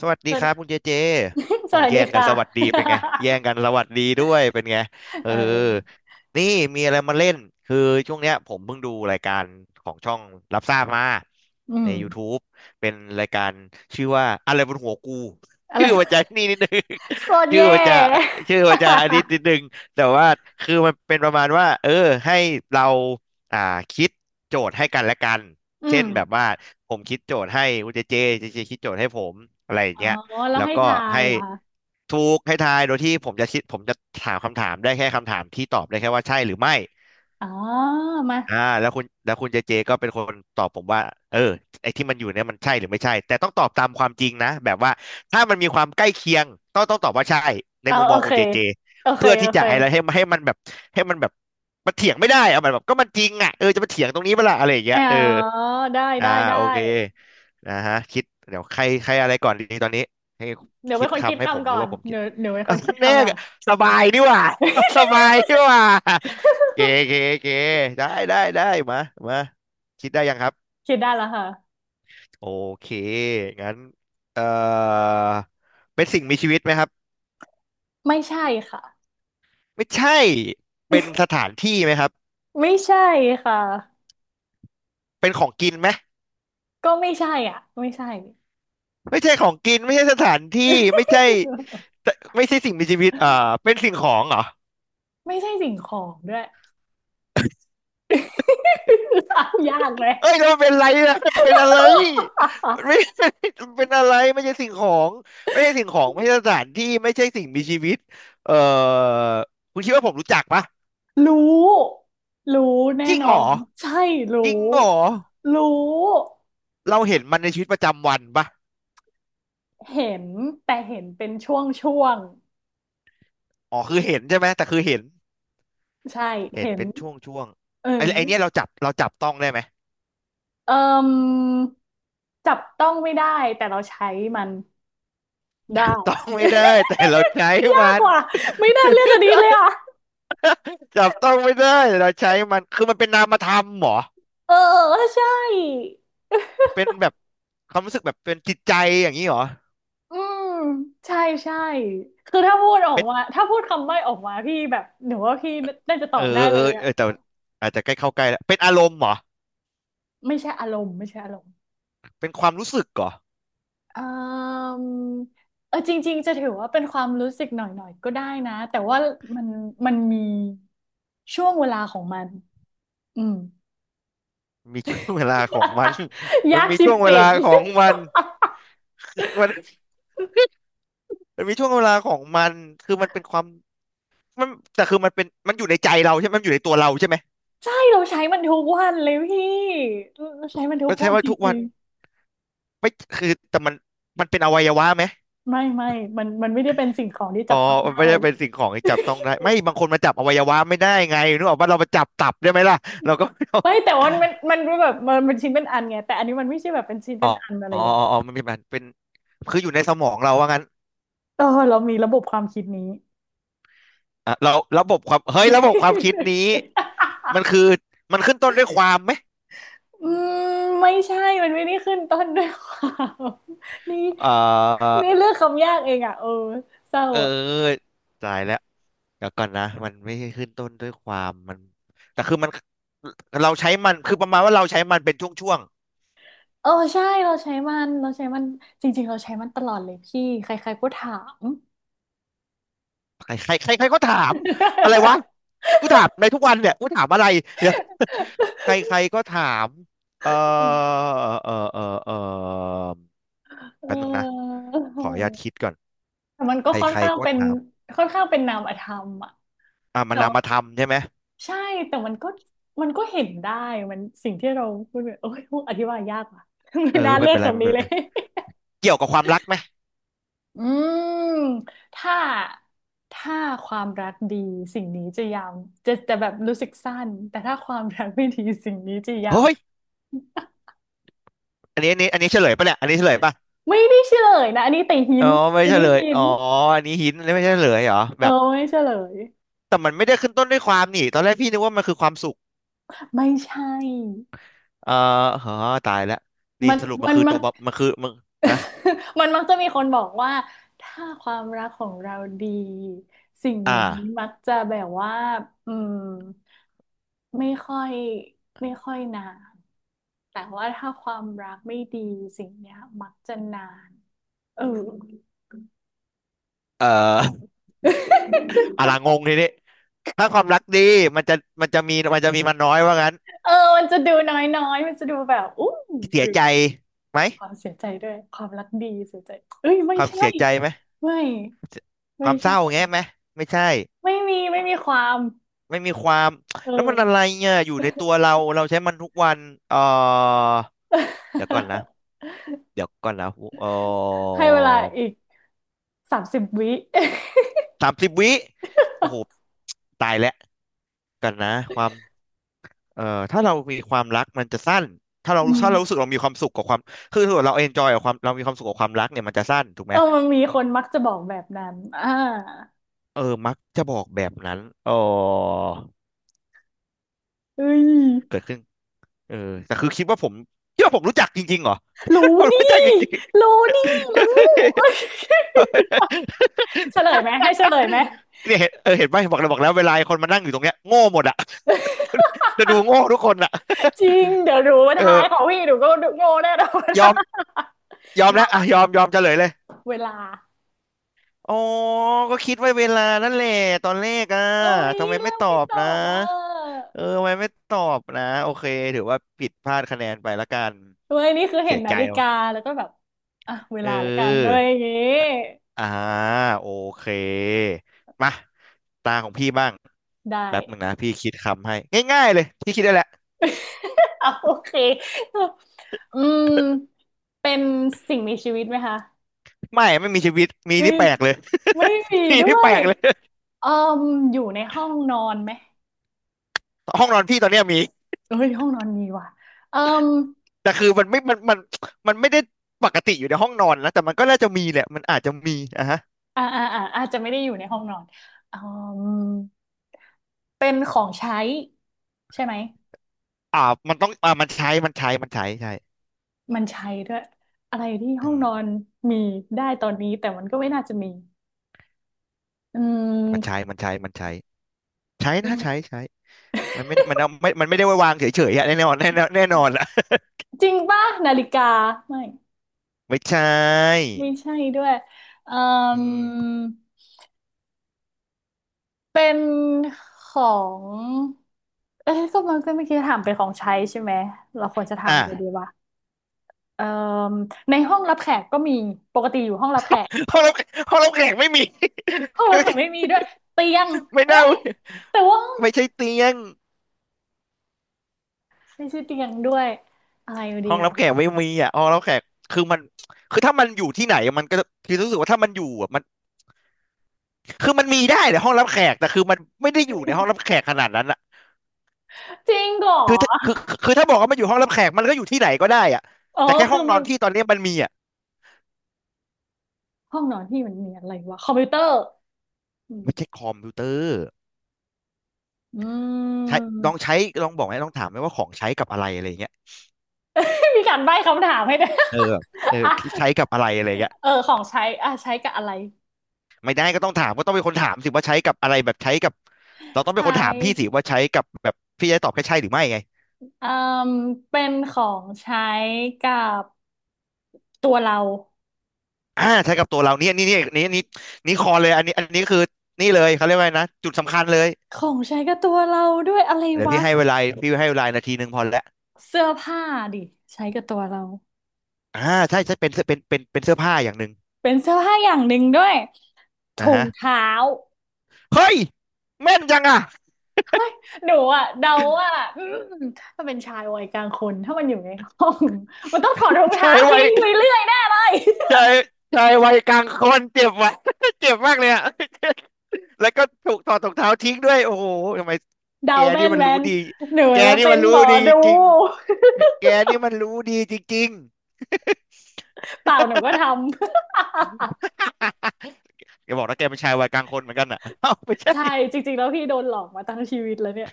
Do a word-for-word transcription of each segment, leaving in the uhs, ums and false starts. สวัสสดีวัสคดี รับคุณเจเจ สเอาวัสแย่ดีงกันค่ะ สวัสดีเป็นไงแย่งกันสวัสดีด้วยเป็นไง เออเออนี่มีอะไรมาเล่นคือช่วงเนี้ยผมเพิ่งดูรายการของช่องรับทราบมาอืใน ม YouTube เป็นรายการชื่อว่าอะไรบนหัวกูอะไร ชื่อมันจะ นี่นิดนึง โคตร ชื่อแย่ มันจะชื่อมันจะอันนี้นิด นึงแต่ว่าคือมันเป็นประมาณว่าเออให้เราอ่าคิดโจทย์ให้กันและกัน อืเช่มนแบบว่าผมคิดโจทย์ให้คุณเจเจเจเจคิดโจทย์ให้ผมอะไรอย่างอ๋อเงี้ยแล้วแล้วให้ก็ทายให้เหรอคะถูกให้ทายโดยที่ผมจะคิดผมจะถามคำถามได้แค่คำถามที่ตอบได้แค่ว่าใช่หรือไม่ อ๋อมาอ่าแล้วคุณแล้วคุณเจเจก็เป็นคนตอบผมว่าเออไอ้ที่มันอยู่เนี่ยมันใช่หรือไม่ใช่แต่ต้องตอบตามความจริงนะแบบว่าถ้ามันมีความใกล้เคียงต้องต้องตอบว่าใช่ในเอามุมมโอองเคคุณเจเจโอเคเพื่อโอที่จะเคอะไรให้ให้มันแบบให้มันแบบมันเถียงไม่ได้เอามันแบบก็มันจริงอ่ะเออจะมาเถียงตรงนี้เปะล่าอะไรอย่างเงี้อ๋ยอเออได้อ่าได้ได้ โอเคนะฮะคิดเดี๋ยวใครใครอะไรก่อนดีตอนนี้ให้เดี๋ยวคิเป็ดนคนคิดคำให้ผมคำหก่อรือนว่าผมคิด เดี๋ยวเดี๋ยวเป็ นคเอานคิดแน่คำก่อน สบายนี่หว่า สบายนี่หว่า เก เกเกได้ได้ได้มามาคิดได้ยังครับคิดได้แล้วค่ะโอเคงั้นเอ่อเป็นสิ่งมีชีวิตไหมครับไม่ใช่ค่ะไม่ใช่เป็นสถานที่ไหมครับไม่ใช่ค่ะเป็นของกินไหมก็ไม่ใช่อ่ะ ไม่ใช่ ไม่ใช่ของกินไม่ใช่สถานที่ไม่ใช่ ไม่ใช่สิ่งมีชีวิตอ่าเป็นสิ่งของเหรอ ไม่ใช่สิ่งของด้วย ยากไหม เอ้ยแล้วมันเป็นอะไรนะมันเป็นอะไรมันไม่ มัน เป็นอะไรไม่ใช่สิ่งของไม่ใช่สิ่งของไม่ใช่สถานที่ไม่ใช่สิ่งมีชีวิตเอ่อคุณคิดว่าผมรู้จักปะรู้รู้จแน่ริ้งนเหรออนใช่จริ้รู้งเหรอรู้เราเห็นมันในชีวิตประจำวันปะเห็นแต่เห็นเป็นช่วงช่วงอ๋อคือเห็นใช่ไหมแต่คือเห็นใช่เห็นเห็นเป็นช่วงช่วงเอไอ้ไอ้เนี้ยเราอจับเราจับต้องได้ไหมเอิ่มจับต้องไม่ได้แต่เราใช้มันจับต้อได้ งไม่ได้แต่เราใช้ มากมันกว่าไม่น่าเลือกอันนี้เลยอ่ะจับต้องไม่ได้แต่เราใช้มันคือมันเป็นนามธรรมเหรอเออใช่ เป็นแบบความรู้สึกแบบเป็นจิตใจอย่างนี้เหรอเป็น อืมใช่ใช่คือถ้าพูดออกมาถ้าพูดคำใบ้ออกมาพี่แบบหนูว่าพี่น่าจะตอเออบได้เออเลยอ่ะเออแต่อาจจะใกล้เข้าใกล้แล้วเป็นอารมณ์เหรอไม่ใช่อารมณ์ไม่ใช่อารมณ์เป็นความรู้สึกเหรออืมเออจริงๆจะถือว่าเป็นความรู้สึกหน่อยๆก็ได้นะแต่ว่ามันมันมีช่วงเวลาของมันอืม มีช่วงเวลาของมัน มันยากมีชิบช่วงเวเป่ง ลาของมั นมันมันมีช่วงเวลาของมันคือมันเป็นความมันแต่คือมันเป็นมันอยู่ในใจเราใช่ไหมมันอยู่ในตัวเราใช่ไหมใช่เราใช้มันทุกวันเลยพี่เราใช้มันทุมักนใช่วันว่าจทุกวัรินงไม่คือแต่มันมันเป็นอวัยวะไหมๆไม่ไม่มันมันไม่ได้เป็นสิ่งของที่อ๋จัอบต้องมันได้ ไม่ได้เป็นสิ่งของที่จับต้องได้ไม่บางคนมาจับอวัยวะไม่ได้ไงนึกออกว่าเรามาจับตับได้ไหมล่ะเราก็ไม่เอาไม่แต่ว่ามันมันมันแบบมันเป็นชิ้นเป็นอันไงแต่อันนี้มันไม่ใช่แบบเป็นชิ้นอ๋เป็อนอันอะไรอ๋ออย่างเงี้ยอ๋อมันเป็นมันเป็นคืออยู่ในสมองเราว่างั้น เออเรามีระบบความคิดนี้ อ่ะเราระบบความเฮ้ยระบบความคิดนี้มันคือมันขึ้นต้นด้วยความไหม อืมไม่ใช่มันไม่ได้ขึ้นต้นด้วยความ นี่เออนี่เลือกคำยากเองอ่ะเออเศร้าเออ่ะอตายแล้วเดี๋ยวก่อนนะมันไม่ใช่ขึ้นต้นด้วยความมันแต่คือมันเราใช้มันคือประมาณว่าเราใช้มันเป็นช่วงเออใช่เราใช้มันเราใช้มันจริงๆเราใช้มันตลอดเลยพี่ใครๆก็ถาม ๆใครใครใครใครก็ถามอะไรวะ กูถามในทุกวันเนี่ยกูถามอะไรเดี๋ยว ใครใครก็ถามเออเออเออเออเแป๊บนึงนะออขออนุญาตคิดก่อนแต่มันก็ใครค่อนใครข้างก็เป็นถามค่อนข้างเป็นนามธรรมอ่ะ อ่ะมันนามธรรมใช่ไหมใช่แต่มันก็มันก็เห็นได้มันสิ่งที่เราพูดเนี่ยโอ้ยพูดอธิบายยากว่ะ เอไม่อน่าเลืไม่อเป็กนไรคำไม่นี้เป็นเลไร ย เกี่ยวกับความรักไหม อืมถ้าถ้าความรักดีสิ่งนี้จะยาวจะจะแบบรู้สึกสั้นแต่ถ้าความรักไม่ดีสิ่งนี้จะยาวเฮ้ย อันนี้อันนี้อันนี้เฉลยปะเนี่ยอันนี้เฉลยปะไม่ได้เฉลยนะอันนี้แต่หิอ๋นอไม่อันเฉนี้ลยหินอ๋ออันนี้หินอันนีไม่ใช่เฉลยเหรอเอแบอบไม่เฉลยแต่มันไม่ได้ขึ้นต้นด้วยความนี่ตอนแรกพี่นึกว่ามันคือความสุขไม่ใช่เออเฮ้อตายแล้วนี่มันสรุปมันมันคือมัตัน วบมันคือมันนะ มันมักจะมีคนบอกว่าถ้าความรักของเราดีสิ่งอ่นี้ามักจะแบบว่าอืมไม่ค่อยไม่ค่อยนานแต่ว่าถ้าความรักไม่ดีสิ่งเนี้ยมักจะนานเออเอ่อ อะลางงทีนี้ถ้าความรักดีมันจะมันจะมีมันจะมีมันน้อยว่างั้นเออมันจะดูน้อยๆมันจะดูแบบอู้เสีหยรือใจไหมความเสียใจด้วยความรักดีเสียใจเอ้ยไม่ความใช่เสียใจไหมไม่คไม่วามเศใช่ร้าแง่ไหมไม่ใช่ไม่มีไม่มีความไม่มีความเอแล้วมัอ นอะไรเนี่ยอยู่ในตัวเราเราใช้มันทุกวันเออ เดี๋ยวก่อนนะ เดี๋ยวก่อนนะเออให้เวลาอีก สามสิบวิ สามสิบวินาทีโอ้โหตายแล้วกันนะความเอ่อถ้าเรามีความรักมันจะสั้นถ้า เราอืมถ้าเรารู้สึกเรามีความสุขกับความคือถ้าเราเอนจอยกับความเรามีความสุขกับความรักเนี่ยมันจะสั้นถูกไหมเออมันมีคนมักจะบอกแบบนั้นอ่าเออมักจะบอกแบบนั้นเออเอ้ยเกิดขึ้นเออแต่คือคิดว่าผมคิดว่าผมรู้จักจริงๆเหรอ รู้ ผมรู้จักนี่จริงๆ รู้นี่รู้ เฉลยไหมให้เฉลยไหม เนี่ยเห็นเออเห็นไหมบอกแล้วบอกแล้วเวลาไอ้คนมานั่งอยู่ตรงเนี้ยโง่หมดอะ จะดูโง่ทุกคนอ่ะ จริง เดี๋ยวรู้ ว่าเอท้าอยของพี่หนูก็โง่แน่นอนยอมยอมยอแล้วอ่ะมยอมยอมเฉลยเลยเวลาอ๋อก็คิดไว้เวลานั่นแหละตอนแรกอ่ะโอ้ยทำไมไม่แล้วตอไม่บตอนะบอ่ะเออทำไมไม่ตอบนะโอเคถือว่าผิดพลาดคะแนนไปละกันเว้ยนี่คือเห็เสีนยนาใจฬิกาว่ะแล้วก็แบบอ่ะเวเลาละกันเลออยอย่างงี้อ่าโอเค มาตาของพี่บ้างได้ แป๊บหนึ่งนะพี่คิดคำให้ง่ายๆเลยพี่คิดได้แหละ เอะโอเคอืมเป็นสิ่งมีชีวิตไหมคะไม่ไม่มีชีวิตมีไม่นี่แปลกเลย ไม่มี มีด้นี่วแปลยกเลย เอ่มอยู่ในห้องนอนไหมห้องนอนพี่ตอนเนี้ยมีเอ้ยห้องนอนมีว่ะเอ่มแต่คือมันไม่มันมันมันไม่ได้ปกติอยู่ในห้องนอนนะแต่มันก็น่าจะมีแหละมันอาจจะมีอ่ะฮะอ่าอ่าอ่าอาจจะไม่ได้อยู่ในห้องนอนเอ่มเป็นของใช้ใช่ไหมอ่ามันต้องอ่ามันใช้มันใช้มันใช้ใช่มันใช้ด้วยอะไรที่ห้อืองนอมนมีได้ตอนนี้แต่มันก็ไม่น่าจะมีอืมันใช้มมันใช้มันใช้ใช้เป็นะนใช้ใช้มันไม่ได้มันเอาไม่มันไม่ได้ไว้วางเฉยๆอะแน่นอนแน่นอนแน่นอนละ จริงป่ะนาฬิกาไม่ ไม่ใช่ไม่ใช่ด้วยเอ่อืมมเป็นของเอ๊ะก็มันก็เมื่อกี้ถามเป็นของใช้ใช่ไหมเราควรจะถามเลยดีอ่าวะเอ่มในห้องรับแขกก็มีปกติอยู่ห้องรับแขกห้องรับห้องรับแขกไม่มี ห้องรับแขกไม่มี ด้วยเตียงไม่เอ้น่ายแต่ว่าห้องไม่ใช่เตียงไม่ใช่เตียงด้วยอะไรอยู่ดีห้องรับแขกไม่มีอ่ะห้องรับแขกคือมันคือถ้ามันอยู่ที่ไหนมันก็คือรู้สึกว่าถ้ามันอยู่อ่ะ คือมันมีได้ในห้องรับแขกแต่คือมันไม่ได้อยู่ในห้องรับแขกขนาดนั้นอะจริงเหรอคือถ้าคือคือถ้าบอกว่ามันอยู่ห้องรับแขกมันก็อยู่ที่ไหนก็ได้อะอ๋อแต่แค่คืห้อองนมัอนนที่ตอนนี้มันมีอะห้องนอนที่มันมีอะไรวะ คอมพิวเตอร์อืม ไม่ใช่ค อมพิวเตอร์อืใช้ม ลองใช้ลองบอกไหมลองถามไหมว่าของใช้กับอะไรอะไรเงี้ย มีการใบ้คำถามให้ด้วย เออแบบเออ อ่ะใช้กับอะไรอะไรเงี้ยเออของใช้อ่ะใช้กับอะไร ไม่ได้ก็ต้องถามก็ต้องเป็นคนถามสิว่าใช้กับอะไรแบบใช้กับเราต้องใชเป็นคน้ถามพี่สิว่าใช้กับแบบพี่จะตอบแค่ใช่หรือไม่ไงเอ่มเป็นของใช้กับตัวเราอ่าใช้กับตัวเราเนี่ยนี่นี่นี่นี่นี่คอเลยอันนี้อันนี้คือนี่เลยเขาเรียกว่าไงนะจุดสำคัญเลย ของใช้กับตัวเราด้วยอะไรเดี๋ยววะพี่ให้เวลาพี่ให้เวลานาทีหนึ่งพอแล้วเสื้อผ้าดิใช้กับตัวเราอ่าใช่ใช่เป็นเสื้อเป็นเป็นเป็นเสื้อผ้าอย่างหนึ่งเป็นเสื้อผ้าอย่างหนึ่งด้วยนะถุงฮะเท้าเฮ้ยแม่นจังอ่ะหนูอะเดาว่าอืมถ้าเป็นชายวัยกลางคน ถ้ามันอยู่ในห้อง มันต้องถอดรองเท้าชายวัยทิ้งไปเรื่อยแน่เลย ชายชายวัยกลางคนเจ็บว่ะ เจ็บมากเลยอ่ะ แล้วก็ถูกถอดรองเท้าทิ้งด้วยโอ้โหทำไม เดาแกแม่นี่นมันแม่รู้นดีหนูแกจะนี่เป็มันนรู้หมอดีดู จริงๆแกนี่มันรู้ดีจริงๆ เปล่าหนูก็ทำ แกบอกนะแกเป็นชายวัยกลางคนเหมือนกันอ่ะ เอ้าไม่ ใช่ใช่ จริงๆแล้วพี่โดนหลอกมาตั้งชีวิตแล้วเนี่ย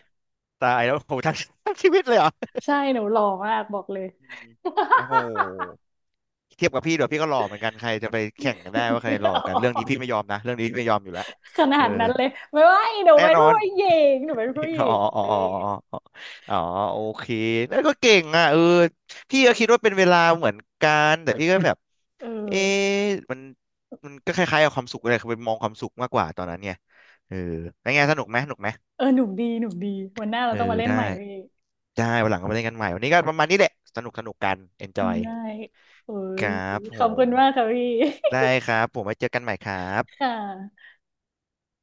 ตายแล้วโอ้โหทั้งทั้งชีวิตเลยเหรอใช่หนูหล่อมากบอกเลย อืมโอ้โห เทียบกับพี่เดี๋ยวพี่ก็หล่อเหมือนกันใครจะไปแข่งกันได้ว่าใครห ล่ออ๋อกันเรื่องนี้พี่ไม่ยอมนะเรื่องนี้พี่ไม่ยอมอยู่แล้วขนาเออดนั้นเลยไม่ว่าอีหนูแน่เป็นนอผู้น หญิงหนูเป็นผู้ห ญิอ๋องอ๋อเด้อ๋ออ๋ออ๋อโอเคนั่นก็เก่งอ่ะเออพี่ก็คิดว่าเป็นเวลาเหมือนกันแต่พี่ก็แบบเอเอ๊ะอมันมันก็คล้ายๆกับความสุขเลยคือไปมองความสุขมากกว่าตอนนั้นเนี่ยเออแล้วไงสนุกไหมสนุกไหม เออหนุ่มดีหนุ่มดีวันหน้าเราเอต้องอมาเล่นใหได้ม่พี่ได้วันหลังก็มาเล่นกันใหม่วันนี้ก็ประมาณนี้แหละสนุกสนุกกัน enjoy ได้เอ้คยรับผขอบคุมณมากค่ะพี่ ได้ครับผมไว้เจอกันใหม่ครับ ค่ะ